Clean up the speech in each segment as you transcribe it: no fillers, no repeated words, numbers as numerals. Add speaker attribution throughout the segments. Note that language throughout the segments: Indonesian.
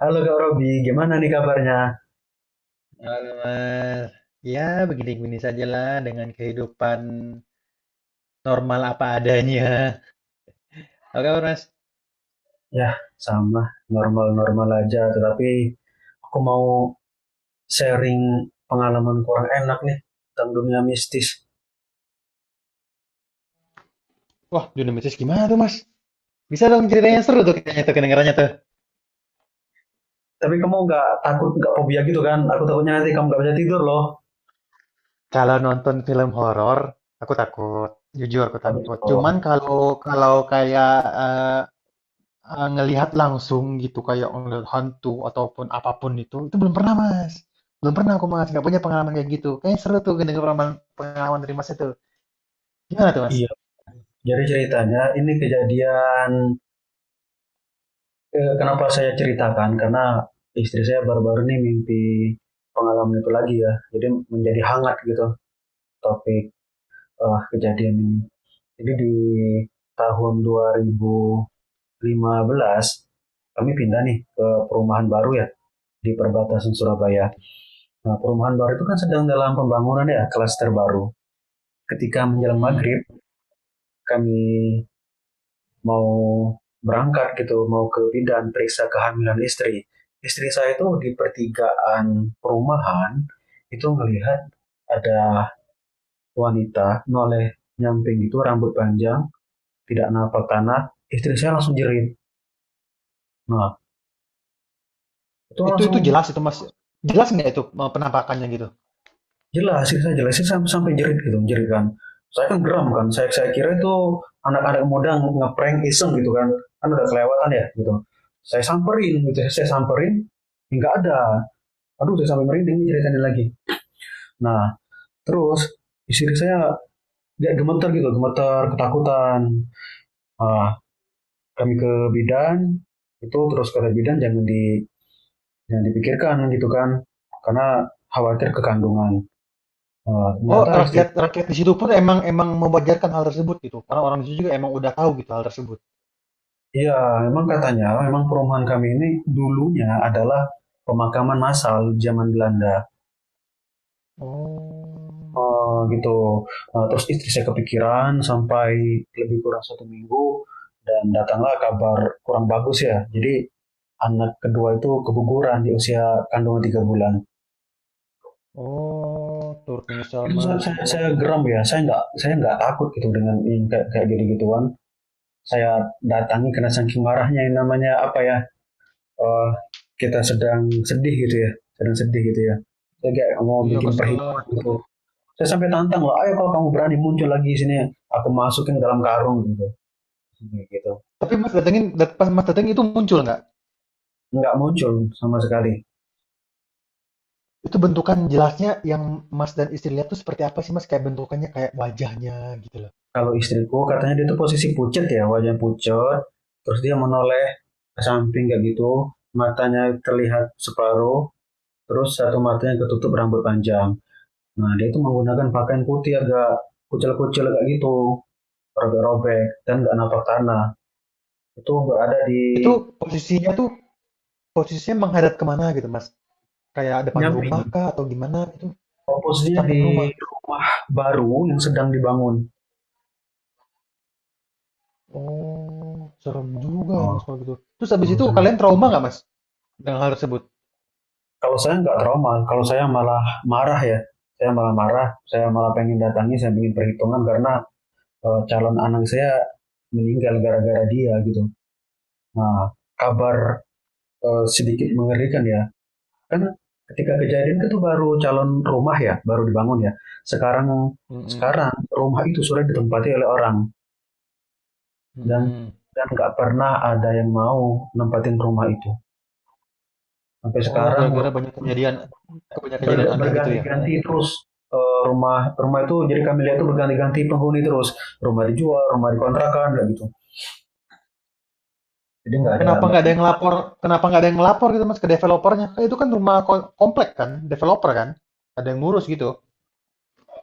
Speaker 1: Halo Kak Robi, gimana nih kabarnya?
Speaker 2: Halo Mas, ya begini-begini sajalah dengan kehidupan normal apa adanya. Oke Mas,
Speaker 1: Ya, sama, normal-normal aja. Tetapi aku mau sharing pengalaman kurang enak nih tentang dunia mistis.
Speaker 2: wah Dunamis gimana tuh Mas? Bisa dong
Speaker 1: Iya.
Speaker 2: ceritanya seru tuh kayaknya tuh kedengarannya tuh.
Speaker 1: Tapi kamu nggak takut, nggak fobia gitu kan? Aku takutnya nanti kamu nggak bisa tidur loh.
Speaker 2: Kalau nonton film horor, aku takut, jujur aku
Speaker 1: Oh,
Speaker 2: takut. Cuman
Speaker 1: gitu.
Speaker 2: kalau kalau kayak eh, ngelihat langsung gitu kayak ngelihat hantu ataupun apapun itu belum pernah Mas. Belum pernah aku Mas, nggak punya pengalaman kayak gitu. Kayaknya seru tuh dengar pengalaman pengalaman dari Mas itu. Gimana tuh Mas?
Speaker 1: Iya. Jadi ceritanya ini kejadian, kenapa saya ceritakan? Karena istri saya baru-baru ini mimpi pengalaman itu lagi ya. Jadi menjadi hangat gitu topik kejadian ini. Jadi di tahun 2015 kami pindah nih ke perumahan baru ya di perbatasan Surabaya. Nah, perumahan baru itu kan sedang dalam pembangunan ya, klaster baru. Ketika menjelang
Speaker 2: Mm-mm.
Speaker 1: maghrib, kami mau berangkat gitu, mau ke bidan periksa kehamilan istri. Istri saya itu di pertigaan perumahan itu melihat ada wanita noleh nyamping itu rambut panjang, tidak nampak tanah. Istri saya langsung jerit. Nah, itu
Speaker 2: Itu
Speaker 1: langsung
Speaker 2: jelas itu Mas. Jelas nggak itu penampakannya gitu?
Speaker 1: jelasin saya jelasin sampai sampai jerit gitu jerit kan saya kan geram kan saya kira itu anak-anak muda ngeprank iseng gitu kan kan udah kelewatan ya gitu saya samperin gitu ya, saya samperin nggak ada, aduh saya sampai merinding ceritain lagi. Nah terus istri saya dia gemeter gitu gemeter ketakutan, ah, kami ke bidan itu terus kata bidan jangan di jangan dipikirkan gitu kan karena khawatir kekandungan. Ah,
Speaker 2: Oh,
Speaker 1: ternyata istri.
Speaker 2: rakyat rakyat di situ pun emang emang mewajarkan hal tersebut gitu. Karena orang di situ juga emang udah tahu gitu hal tersebut.
Speaker 1: Iya, memang katanya, memang perumahan kami ini dulunya adalah pemakaman massal zaman Belanda.
Speaker 2: Oh,
Speaker 1: Gitu. Eh, terus istri saya kepikiran sampai lebih kurang 1 minggu dan datanglah kabar kurang bagus ya. Jadi anak kedua itu keguguran di usia kandungan 3 bulan.
Speaker 2: oh, turut menyesal
Speaker 1: Itu
Speaker 2: Mas.
Speaker 1: saya geram ya. Saya nggak takut gitu dengan yang kayak kayak gitu gituan. Saya datangi karena saking marahnya yang namanya apa ya, eh, kita sedang sedih gitu ya, sedang sedih gitu ya. Saya kayak mau
Speaker 2: Iya
Speaker 1: bikin
Speaker 2: kesel lah.
Speaker 1: perhitungan gitu. Saya sampai tantang loh, ayo kalau kamu berani muncul lagi di sini, aku masukin dalam karung gitu. Gitu.
Speaker 2: Tapi Mas datengin, pas Mas datengin itu muncul nggak?
Speaker 1: Nggak muncul sama sekali.
Speaker 2: Itu bentukan jelasnya yang Mas dan istri lihat tuh seperti apa sih Mas? Kayak bentukannya, kayak wajahnya gitu loh.
Speaker 1: Kalau istriku katanya dia tuh posisi pucet ya, wajahnya pucet, terus dia menoleh ke samping kayak gitu, matanya terlihat separuh, terus satu matanya ketutup rambut panjang. Nah, dia itu menggunakan pakaian putih agak kucel-kucel kayak gitu, robek-robek, dan nggak napak tanah. Itu berada di
Speaker 2: Itu posisinya tuh posisinya menghadap kemana gitu Mas? Kayak depan
Speaker 1: Nyampi.
Speaker 2: rumah kah atau gimana gitu?
Speaker 1: Posnya
Speaker 2: Samping
Speaker 1: di
Speaker 2: rumah.
Speaker 1: rumah baru yang sedang dibangun.
Speaker 2: Oh, serem juga ya Mas
Speaker 1: Oh.
Speaker 2: kalau gitu. Terus habis itu kalian trauma nggak Mas dengan hal tersebut?
Speaker 1: Kalau saya nggak trauma, kalau saya malah marah ya. Saya malah marah, saya malah pengen datangi, saya pengen perhitungan karena, calon anak saya meninggal gara-gara dia gitu. Nah, kabar sedikit mengerikan ya. Kan ketika kejadian itu baru calon rumah ya, baru dibangun ya. Sekarang
Speaker 2: Mm-mm,
Speaker 1: sekarang rumah itu sudah ditempati oleh orang. dan
Speaker 2: mm-mm.
Speaker 1: dan nggak pernah ada yang mau nempatin rumah itu. Sampai
Speaker 2: Oh,
Speaker 1: sekarang
Speaker 2: gara-gara banyak kejadian, kebanyakan kejadian aneh gitu ya.
Speaker 1: berganti-ganti terus, eh, rumah rumah itu jadi kami lihat tuh berganti-ganti penghuni terus, rumah dijual rumah dikontrakan kayak gitu, jadi
Speaker 2: Oh,
Speaker 1: nggak ada
Speaker 2: kenapa
Speaker 1: nggak.
Speaker 2: nggak ada yang lapor? Kenapa nggak ada yang lapor gitu Mas ke developernya? Eh, itu kan rumah komplek kan, developer kan, ada yang ngurus gitu.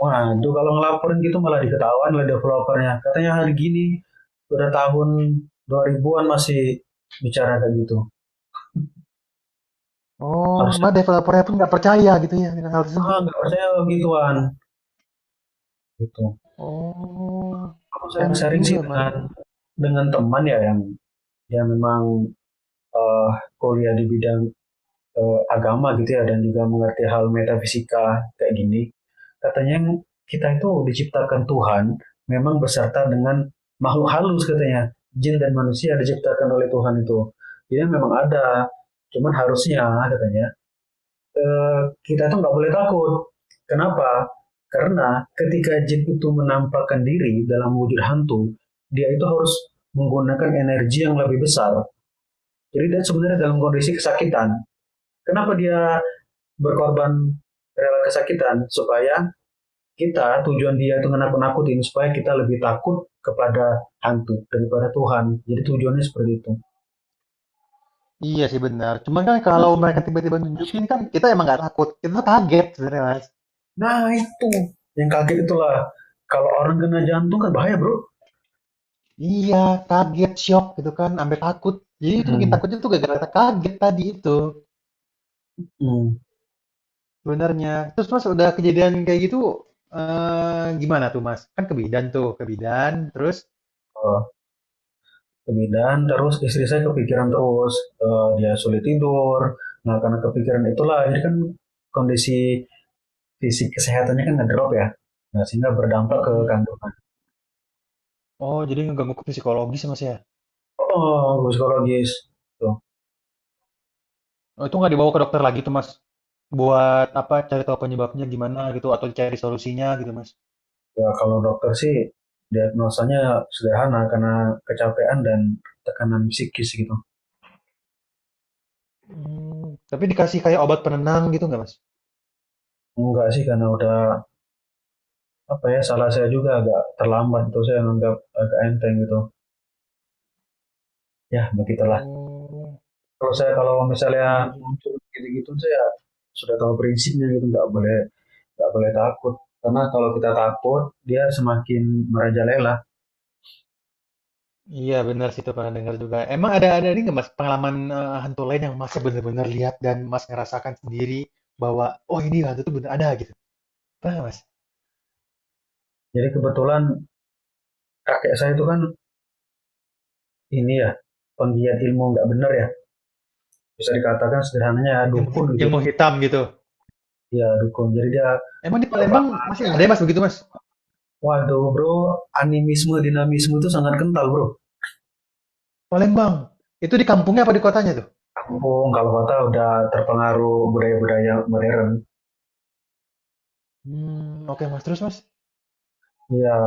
Speaker 1: Waduh kalau ngelaporin gitu malah diketahuan oleh developernya, katanya hari gini udah tahun 2000-an masih bicara kayak gitu,
Speaker 2: Oh, mah
Speaker 1: harusnya
Speaker 2: developernya pun nggak percaya gitu ya dengan hal tersebut.
Speaker 1: ah nggak percaya begituan gitu.
Speaker 2: Oh,
Speaker 1: Aku
Speaker 2: parah
Speaker 1: sering-sering sih
Speaker 2: juga Mas.
Speaker 1: dengan teman ya yang memang, eh, kuliah di bidang agama gitu ya dan juga mengerti hal metafisika kayak gini, katanya kita itu diciptakan Tuhan memang beserta dengan makhluk halus, katanya jin dan manusia diciptakan oleh Tuhan itu, jadi memang ada, cuman harusnya katanya kita itu nggak boleh takut. Kenapa? Karena ketika jin itu menampakkan diri dalam wujud hantu, dia itu harus menggunakan energi yang lebih besar, jadi dia sebenarnya dalam kondisi kesakitan. Kenapa dia berkorban rela kesakitan supaya kita, tujuan dia itu menakut-nakutin supaya kita lebih takut kepada hantu daripada Tuhan. Jadi tujuannya seperti itu.
Speaker 2: Iya sih benar. Cuman kan kalau mereka tiba-tiba nunjukin kan kita emang nggak takut, kita tuh kaget sebenarnya Mas.
Speaker 1: Nah itu yang kaget itulah, kalau orang kena jantung kan bahaya bro.
Speaker 2: Iya, kaget, shock gitu kan, sampai takut. Jadi itu bikin
Speaker 1: Hmm.
Speaker 2: takutnya tuh gara-gara kaget tadi itu
Speaker 1: Hmm.
Speaker 2: sebenarnya. Terus Mas udah kejadian kayak gitu gimana tuh Mas? Kan ke bidan tuh, ke bidan terus
Speaker 1: Eh, kemudian terus istri saya kepikiran terus. Eh, dia sulit tidur. Nah karena kepikiran itulah jadi kan kondisi fisik kesehatannya kan ngedrop ya. Nah sehingga berdampak ke
Speaker 2: Mm-mm.
Speaker 1: kandungan.
Speaker 2: Oh jadi ngeganggu ke psikologis ya, Mas ya.
Speaker 1: Oh, psikologis. Tuh.
Speaker 2: Oh, itu nggak dibawa ke dokter lagi tuh Mas. Buat apa cari tahu penyebabnya gimana gitu atau cari solusinya gitu Mas.
Speaker 1: Ya kalau dokter sih diagnosanya sederhana karena kecapean dan tekanan psikis gitu.
Speaker 2: Hmm, tapi dikasih kayak obat penenang gitu nggak Mas?
Speaker 1: Enggak sih karena udah apa ya, salah saya juga agak terlambat itu, saya menganggap agak enteng gitu. Ya begitulah.
Speaker 2: Oh,
Speaker 1: Kalau saya kalau misalnya
Speaker 2: iya.
Speaker 1: muncul gitu-gitu saya sudah tahu prinsipnya gitu, nggak boleh takut karena kalau kita takut dia semakin merajalela.
Speaker 2: Iya benar sih itu pernah dengar juga. Emang ada ini nggak mas pengalaman hantu lain yang mas benar-benar lihat dan mas ngerasakan sendiri bahwa oh ini hantu itu benar ada gitu. Pernah nggak, mas?
Speaker 1: Jadi kebetulan kakek saya itu kan ini ya penggiat ilmu nggak benar ya, bisa dikatakan sederhananya
Speaker 2: Yang mau
Speaker 1: dukun gitu
Speaker 2: yang
Speaker 1: ya.
Speaker 2: mau hitam gitu.
Speaker 1: Ya dukun. Jadi dia
Speaker 2: Emang di Palembang
Speaker 1: kepala.
Speaker 2: masih ada ya mas begitu mas?
Speaker 1: Waduh bro, animisme dinamisme itu sangat kental bro.
Speaker 2: Palembang itu di kampungnya apa di kotanya tuh?
Speaker 1: Kampung kalau kata udah terpengaruh budaya-budaya modern.
Speaker 2: Hmm, oke mas terus mas.
Speaker 1: Ya.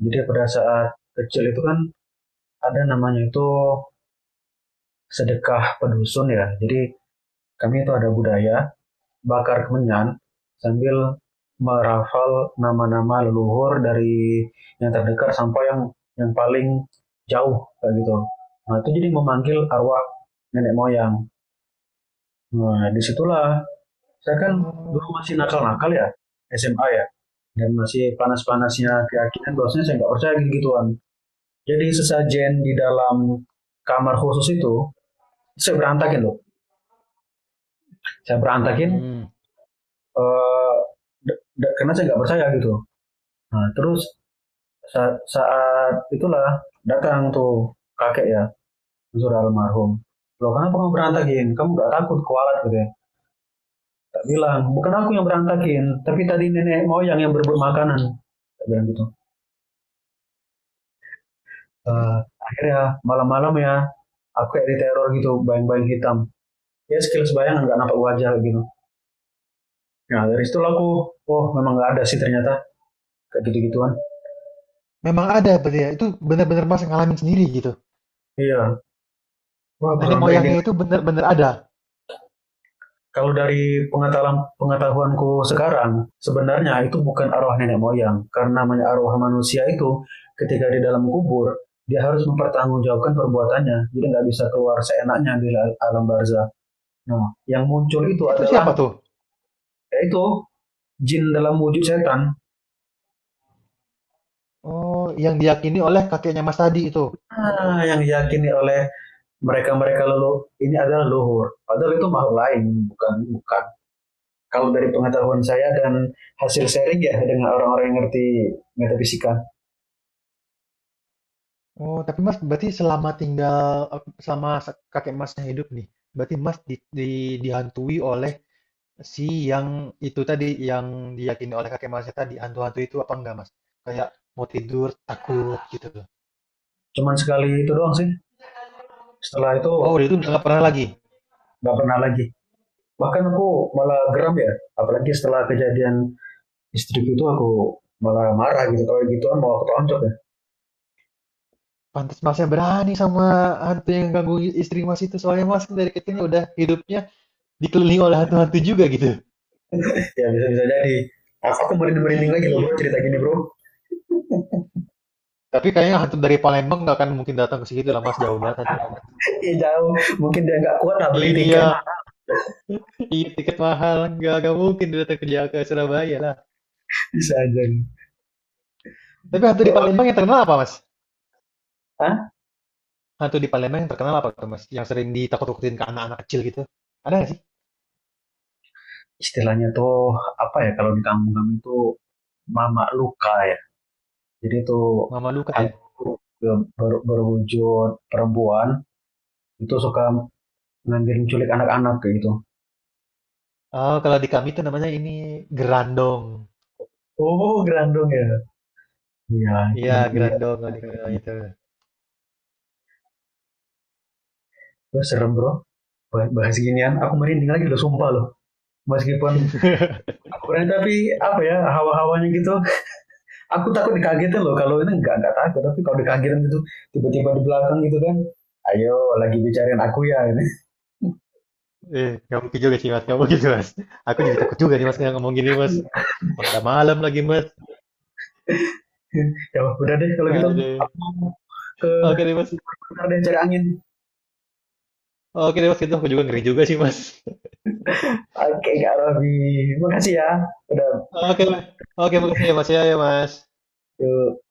Speaker 1: Jadi pada saat kecil itu kan ada namanya itu sedekah pedusun ya. Jadi kami itu ada budaya bakar kemenyan sambil merafal nama-nama leluhur dari yang terdekat sampai yang paling jauh kayak gitu. Nah itu jadi memanggil arwah nenek moyang. Nah disitulah saya kan dulu
Speaker 2: Oh,
Speaker 1: masih nakal-nakal ya, SMA ya, dan masih panas-panasnya
Speaker 2: mm-mm,
Speaker 1: keyakinan bahwasanya saya nggak percaya gitu-gituan. Jadi sesajen di dalam kamar khusus itu saya berantakin loh. Saya berantakin,
Speaker 2: mm-mm.
Speaker 1: eh, karena saya nggak percaya gitu. Nah, terus saat itulah datang tuh kakek ya, Zura almarhum. Loh kenapa kamu berantakin? Kamu gak takut kualat gitu ya? Tak bilang, bukan aku yang berantakin, tapi tadi nenek moyang yang berebut makanan. Tak bilang gitu. Eh,
Speaker 2: Tapi
Speaker 1: Akhirnya malam-malam ya, aku kayak diteror gitu, bayang-bayang hitam. Ya sekilas bayangan gak nampak wajah gitu. Nah dari situ aku, oh memang gak ada sih ternyata kayak gitu-gituan.
Speaker 2: memang ada berarti ya. Itu benar-benar mas ngalamin sendiri gitu.
Speaker 1: Iya, wah aku
Speaker 2: Nenek
Speaker 1: sampai merinding.
Speaker 2: moyangnya itu benar-benar ada.
Speaker 1: Kalau dari pengetahuanku sekarang, sebenarnya itu bukan arwah nenek moyang. Karena arwah manusia itu, ketika di dalam kubur, dia harus mempertanggungjawabkan perbuatannya. Jadi nggak bisa keluar seenaknya di alam barzah. Nah, yang muncul itu
Speaker 2: Itu siapa
Speaker 1: adalah,
Speaker 2: tuh?
Speaker 1: yaitu jin dalam wujud setan.
Speaker 2: Oh, yang diyakini oleh kakeknya mas tadi itu.
Speaker 1: Ah, yang diyakini oleh mereka-mereka leluhur, ini adalah luhur. Padahal itu makhluk lain, bukan bukan. Kalau dari pengetahuan saya dan hasil sharing ya dengan orang-orang yang ngerti metafisika.
Speaker 2: Oh, tapi Mas berarti selama kakek Masnya hidup nih, berarti Mas dihantui oleh si yang itu tadi yang diyakini oleh kakek Masnya tadi hantu-hantu itu apa enggak Mas? Kayak mau tidur takut gitu.
Speaker 1: Cuman sekali itu doang sih, setelah itu
Speaker 2: Oh, dari itu nggak pernah lagi.
Speaker 1: nggak pernah lagi. Bahkan aku malah geram ya, apalagi setelah kejadian istriku itu aku malah marah gitu, kalau gituan mau aku tonjok ya.
Speaker 2: Pantas Masnya berani sama hantu yang ganggu istri Mas itu soalnya Mas dari kecilnya udah hidupnya dikelilingi oleh hantu-hantu juga gitu.
Speaker 1: Ya bisa bisa jadi. Aku merinding merinding lagi loh bro,
Speaker 2: Iya.
Speaker 1: cerita gini bro.
Speaker 2: Tapi kayaknya hantu dari Palembang nggak akan mungkin datang ke situ lah Mas, jauh banget hantunya Mas.
Speaker 1: Ih, jauh, mungkin dia nggak kuat nah beli tiket mah.
Speaker 2: Iya, Iya, tiket mahal. Nggak mungkin dia datang kerja ke Surabaya lah.
Speaker 1: Bisa aja gitu.
Speaker 2: Tapi hantu di Palembang yang terkenal apa, Mas?
Speaker 1: Hah?
Speaker 2: Hantu di Palembang yang terkenal apa tuh, Mas? Yang sering ditakut-takutin ke anak-anak kecil gitu. Ada nggak sih?
Speaker 1: Istilahnya tuh apa ya, kalau di kampung kami itu mama luka ya. Jadi tuh
Speaker 2: Mama Luka ya?
Speaker 1: hantu berwujud perempuan itu suka ngambil culik anak-anak kayak gitu.
Speaker 2: Oh, kalau di kami itu namanya ini Gerandong.
Speaker 1: Oh, Grandong ya. Iya,
Speaker 2: Iya,
Speaker 1: iya.
Speaker 2: Gerandong kalau di kami namanya itu.
Speaker 1: Itu serem bro. Bahas ginian, aku merinding lagi loh, sumpah loh. Meskipun aku berani tapi apa ya hawa-hawanya gitu. Aku takut dikagetin loh. Kalau ini nggak takut, tapi kalau dikagetin gitu, tiba-tiba di belakang gitu kan. Ayo, lagi bicarain aku ya. Gitu.
Speaker 2: Eh, nggak mungkin juga sih, Mas. Nggak mungkin, Mas. Aku jadi takut juga nih, Mas, nggak ngomong gini, Mas. Udah malam lagi, Mas.
Speaker 1: Ya udah deh kalau gitu.
Speaker 2: Aduh.
Speaker 1: Aku mau ke
Speaker 2: Oke deh, Mas.
Speaker 1: bentar deh cari angin.
Speaker 2: Oke deh, Mas. Itu aku juga ngeri juga sih, Mas.
Speaker 1: Oke, Kak Robi. Makasih ya. Udah
Speaker 2: Oke, Mas. Oke, makasih ya, Mas. Ya, ya, Mas.
Speaker 1: yuk.